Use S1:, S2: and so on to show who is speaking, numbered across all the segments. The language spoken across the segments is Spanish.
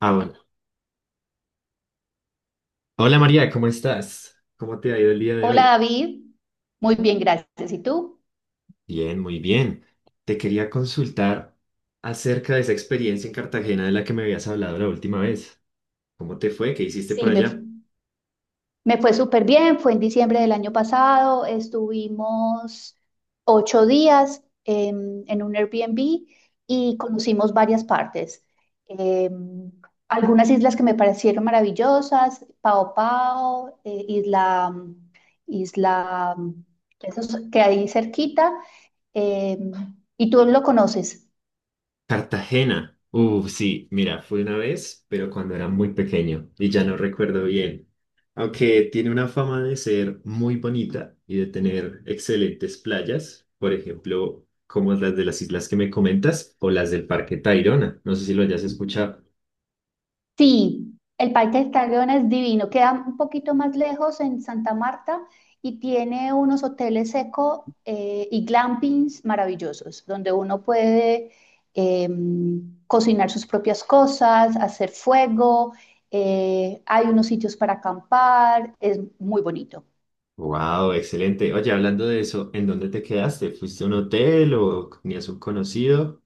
S1: Ah, bueno. Hola María, ¿cómo estás? ¿Cómo te ha ido el día de
S2: Hola
S1: hoy?
S2: David, muy bien, gracias. ¿Y tú?
S1: Bien, muy bien. Te quería consultar acerca de esa experiencia en Cartagena de la que me habías hablado la última vez. ¿Cómo te fue? ¿Qué hiciste por
S2: Sí,
S1: allá?
S2: me fue súper bien, fue en diciembre del año pasado, estuvimos 8 días en un Airbnb y conocimos varias partes. Em, Algunas islas que me parecieron maravillosas, Pao Pao, isla, esos que hay cerquita, em, y tú lo conoces.
S1: Cartagena. Sí, mira, fui una vez, pero cuando era muy pequeño y ya no recuerdo bien. Aunque tiene una fama de ser muy bonita y de tener excelentes playas, por ejemplo, como las de las islas que me comentas o las del Parque Tayrona. No sé si lo hayas escuchado.
S2: Sí, el Parque del Tayrona es divino. Queda un poquito más lejos en Santa Marta y tiene unos hoteles seco y glampings maravillosos, donde uno puede eh, cocinar sus propias cosas, hacer fuego, hay unos sitios para acampar, es muy bonito.
S1: Wow, excelente. Oye, hablando de eso, ¿en dónde te quedaste? ¿Fuiste a un hotel o tenías un conocido?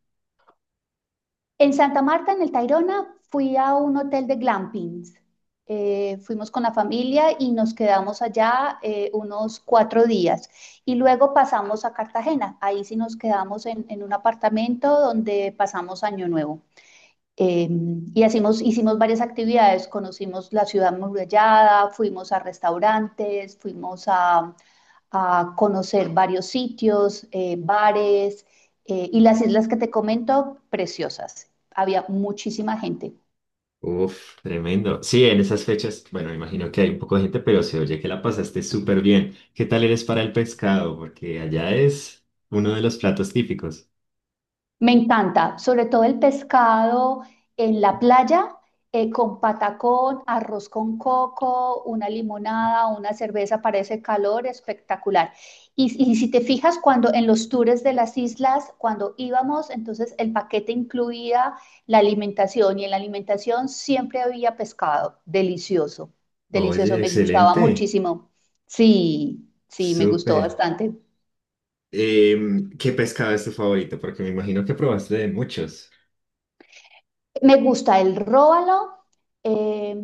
S2: En Santa Marta, en el Tayrona, fui a un hotel de glampings. Fuimos con la familia y nos quedamos allá unos 4 días. Y luego pasamos a Cartagena. Ahí sí nos quedamos en un apartamento donde pasamos Año Nuevo. Eh, hicimos varias actividades. Conocimos la ciudad murallada, fuimos a restaurantes, fuimos a conocer varios sitios, bares, y las islas que te comento, preciosas. Había muchísima gente.
S1: Uf, tremendo. Sí, en esas fechas, bueno, me imagino que hay un poco de gente, pero se oye que la pasaste súper bien. ¿Qué tal eres para el pescado? Porque allá es uno de los platos típicos.
S2: Me encanta, sobre todo el pescado en la playa, con patacón, arroz con coco, una limonada, una cerveza para ese calor, espectacular. Y si te fijas, cuando en los tours de las islas, cuando íbamos, entonces el paquete incluía la alimentación y en la alimentación siempre había pescado, delicioso, delicioso,
S1: Oye,
S2: me gustaba
S1: excelente.
S2: muchísimo. Sí, sí, me gustó
S1: Súper.
S2: bastante.
S1: ¿Qué pescado es tu favorito? Porque me imagino que probaste de muchos.
S2: Me gusta el róbalo. em,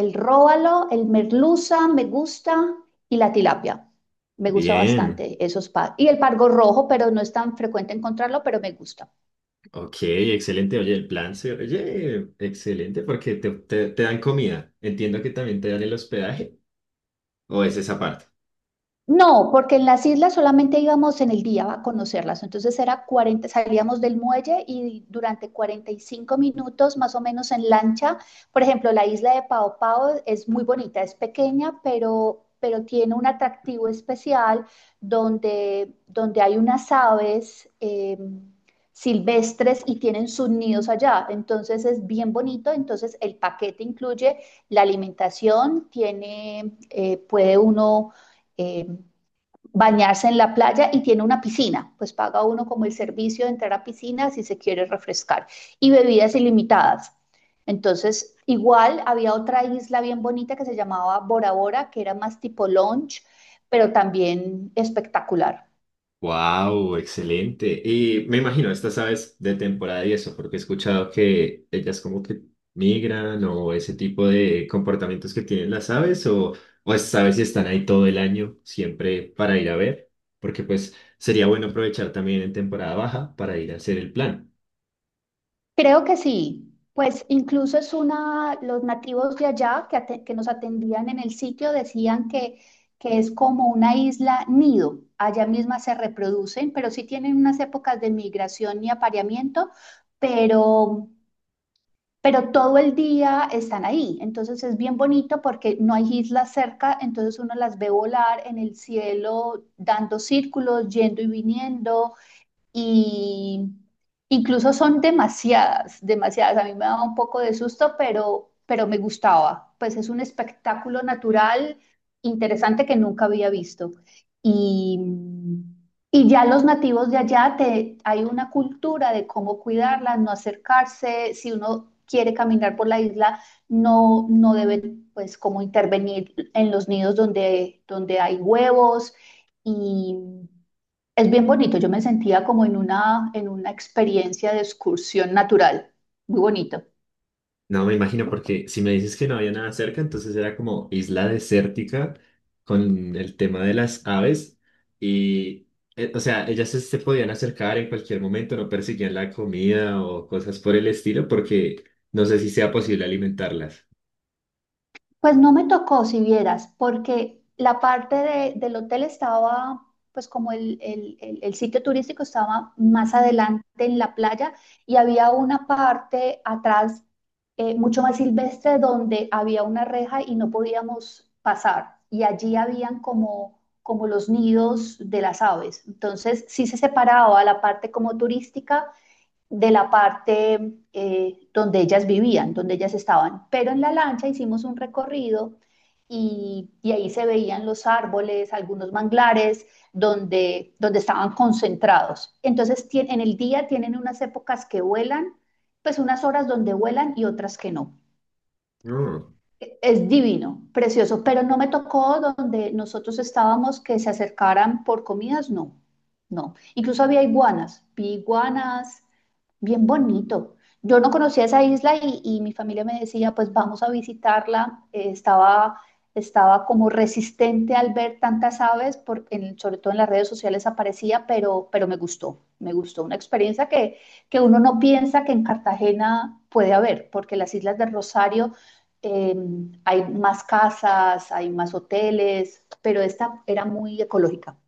S2: El róbalo, el merluza, me gusta y la tilapia. Me gusta
S1: Bien.
S2: bastante esos par. Y el pargo rojo, pero no es tan frecuente encontrarlo, pero me gusta.
S1: Ok, excelente. Oye, el plan se... Oye, excelente porque te dan comida. Entiendo que también te dan el hospedaje. ¿O es esa parte?
S2: No, porque en las islas solamente íbamos en el día a conocerlas. Entonces era 40, salíamos del muelle y durante 45 minutos más o menos en lancha. Por ejemplo, la isla de Pao Pao es muy bonita, es pequeña, pero tiene un atractivo especial donde hay unas aves silvestres y tienen sus nidos allá. Entonces es bien bonito. Entonces el paquete incluye la alimentación, tiene, puede uno eh, bañarse en la playa y tiene una piscina, pues paga uno como el servicio de entrar a piscina si se quiere refrescar y bebidas ilimitadas. Entonces, igual había otra isla bien bonita que se llamaba Bora Bora, que era más tipo lounge, pero también espectacular.
S1: Wow, excelente. Y me imagino, estas aves de temporada y eso, porque he escuchado que ellas como que migran o ese tipo de comportamientos que tienen las aves o estas aves si están ahí todo el año siempre para ir a ver, porque pues sería bueno aprovechar también en temporada baja para ir a hacer el plan.
S2: Creo que sí. Pues incluso es una, los nativos de allá que nos atendían en el sitio decían que es como una isla nido. Allá misma se reproducen, pero sí tienen unas épocas de migración y apareamiento, pero, pero todo el día están ahí. Entonces es bien bonito porque no hay islas cerca, entonces uno las ve volar en el cielo, dando círculos, yendo y viniendo y incluso son demasiadas, demasiadas. A mí me daba un poco de susto, pero me gustaba. Pues es un espectáculo natural interesante que nunca había visto. Y, y ya los nativos de allá, hay una cultura de cómo cuidarlas, no acercarse. Si uno quiere caminar por la isla, no debe pues como intervenir en los nidos donde hay huevos. Y es bien bonito, yo me sentía como en una experiencia de excursión natural, muy bonito.
S1: No me imagino, porque si me dices que no había nada cerca, entonces era como isla desértica con el tema de las aves. Y, o sea, ellas se podían acercar en cualquier momento, no perseguían la comida o cosas por el estilo, porque no sé si sea posible alimentarlas.
S2: Pues no me tocó, si vieras, porque la parte del hotel estaba, pues como el sitio turístico estaba más adelante en la playa y había una parte atrás, mucho más silvestre, donde había una reja y no podíamos pasar. Y allí habían como los nidos de las aves. Entonces sí se separaba la parte como turística de la parte, donde ellas vivían, donde ellas estaban. Pero en la lancha hicimos un recorrido y ahí se veían los árboles, algunos manglares, donde estaban concentrados. Entonces, en el día tienen unas épocas que vuelan, pues unas horas donde vuelan y otras que no.
S1: No,
S2: Es divino, precioso, pero no me tocó donde nosotros estábamos que se acercaran por comidas, no, no. Incluso había iguanas, vi iguanas, bien bonito. Yo no conocía esa isla y mi familia me decía, pues vamos a visitarla. Estaba como resistente al ver tantas aves, sobre todo en las redes sociales aparecía, pero me gustó, me gustó. Una experiencia que uno no piensa que en Cartagena puede haber, porque las islas de Rosario, eh, hay más casas, hay más hoteles, pero esta era muy ecológica.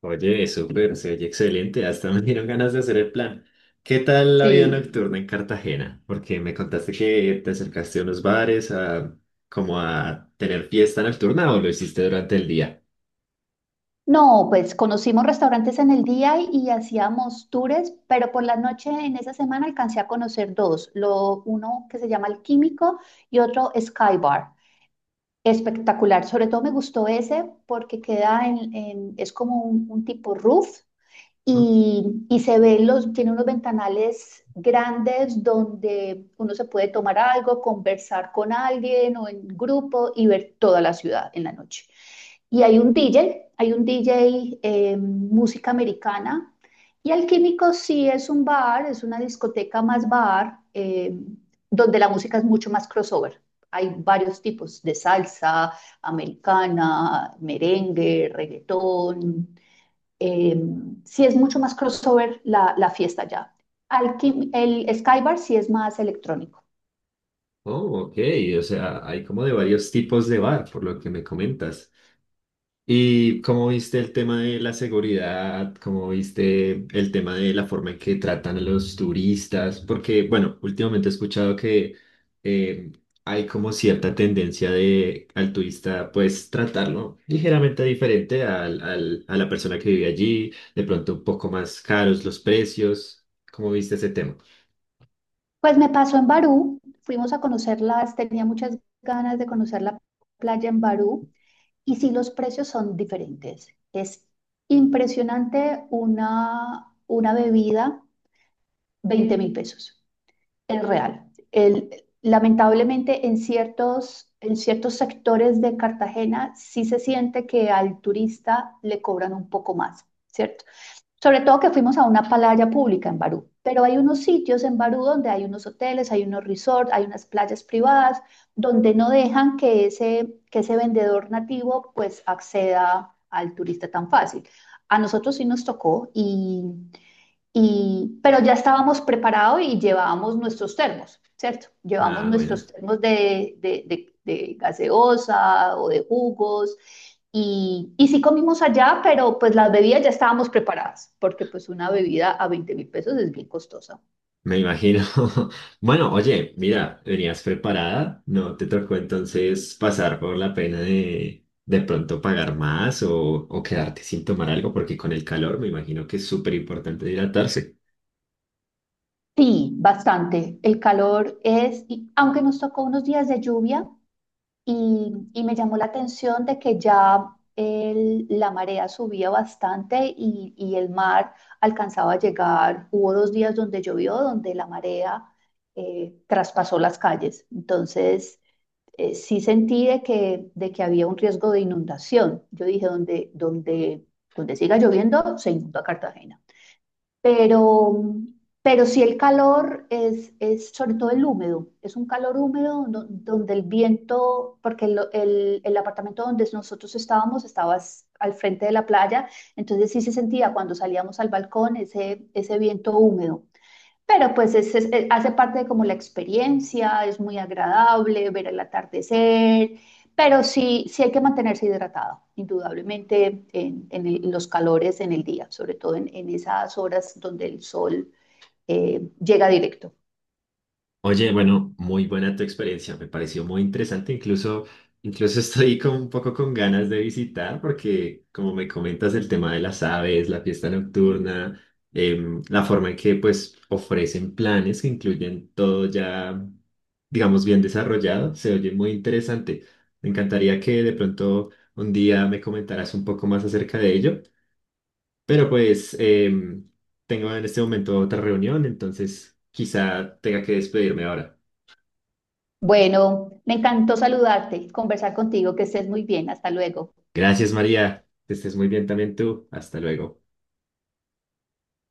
S1: oye, súper, se oye excelente. Hasta me dieron ganas de hacer el plan. ¿Qué tal la vida
S2: Sí.
S1: nocturna en Cartagena? Porque me contaste que te acercaste a unos bares, a, como a tener fiesta nocturna, o lo hiciste durante el día.
S2: No, pues conocimos restaurantes en el día y hacíamos tours, pero por la noche en esa semana alcancé a conocer dos, uno que se llama El Químico y otro Sky Bar. Espectacular, sobre todo me gustó ese porque queda es como un tipo roof
S1: Oh,
S2: y se ven tiene unos ventanales grandes donde uno se puede tomar algo, conversar con alguien o en grupo y ver toda la ciudad en la noche. Y hay un DJ, música americana. Y Alquímico sí es un bar, es una discoteca más bar, donde la música es mucho más crossover. Hay varios tipos de salsa, americana, merengue, reggaetón, eh, sí es mucho más crossover la fiesta ya. El Skybar sí es más electrónico.
S1: oh, ok, o sea, hay como de varios tipos de bar, por lo que me comentas. ¿Y cómo viste el tema de la seguridad? ¿Cómo viste el tema de la forma en que tratan a los turistas? Porque, bueno, últimamente he escuchado que eh, hay como cierta tendencia de al turista, pues, tratarlo ligeramente diferente a la persona que vive allí, de pronto un poco más caros los precios. ¿Cómo viste ese tema?
S2: Pues me pasó en Barú, fuimos a conocerlas, tenía muchas ganas de conocer la playa en Barú y sí los precios son diferentes. Es impresionante una bebida, 20.000 pesos. Es real. El- lamentablemente, en ciertos sectores de Cartagena sí se siente que al turista le cobran un poco más, ¿cierto? Sobre todo que fuimos a una playa pública en Barú, pero hay unos sitios en Barú donde hay unos hoteles, hay unos resorts, hay unas playas privadas donde no dejan que ese, vendedor nativo pues acceda al turista tan fácil. A nosotros sí nos tocó Pero ya estábamos preparados y llevábamos nuestros termos, ¿cierto? Llevamos
S1: Ah, bueno.
S2: nuestros termos de gaseosa o de jugos. Y sí comimos allá, pero pues las bebidas ya estábamos preparadas, porque pues una bebida a 20.000 pesos es bien costosa.
S1: Me imagino. Bueno, oye, mira, venías preparada, ¿no te tocó entonces pasar por la pena de pronto pagar más o quedarte sin tomar algo? Porque con el calor me imagino que es súper importante hidratarse.
S2: Sí, bastante. El calor es, y aunque nos tocó unos días de lluvia, y me llamó la atención de que ya la marea subía bastante y el mar alcanzaba a llegar. Hubo 2 días donde llovió, donde la marea, traspasó las calles. Entonces, sí sentí de que había un riesgo de inundación. Yo dije, donde siga lloviendo, se inunda Cartagena. Pero, pero sí el calor es sobre todo el húmedo, es un calor húmedo, donde el viento, porque el apartamento donde nosotros estábamos estaba, al frente de la playa, entonces sí se sentía cuando salíamos al balcón ese, viento húmedo. Pero pues hace parte de como la experiencia, es muy agradable ver el atardecer, pero sí, sí hay que mantenerse hidratado, indudablemente los calores en el día, sobre todo en esas horas donde el sol llega directo.
S1: Oye, bueno, muy buena tu experiencia, me pareció muy interesante, incluso, incluso estoy con, un poco con ganas de visitar porque como me comentas el tema de las aves, la fiesta nocturna, la forma en que pues ofrecen planes que incluyen todo ya, digamos, bien desarrollado, se oye muy interesante. Me encantaría que de pronto un día me comentaras un poco más acerca de ello, pero pues em, tengo en este momento otra reunión, entonces quizá tenga que despedirme ahora.
S2: Bueno, me encantó saludarte, conversar contigo, que estés muy bien, hasta luego.
S1: Gracias, María. Que estés muy bien también tú. Hasta luego.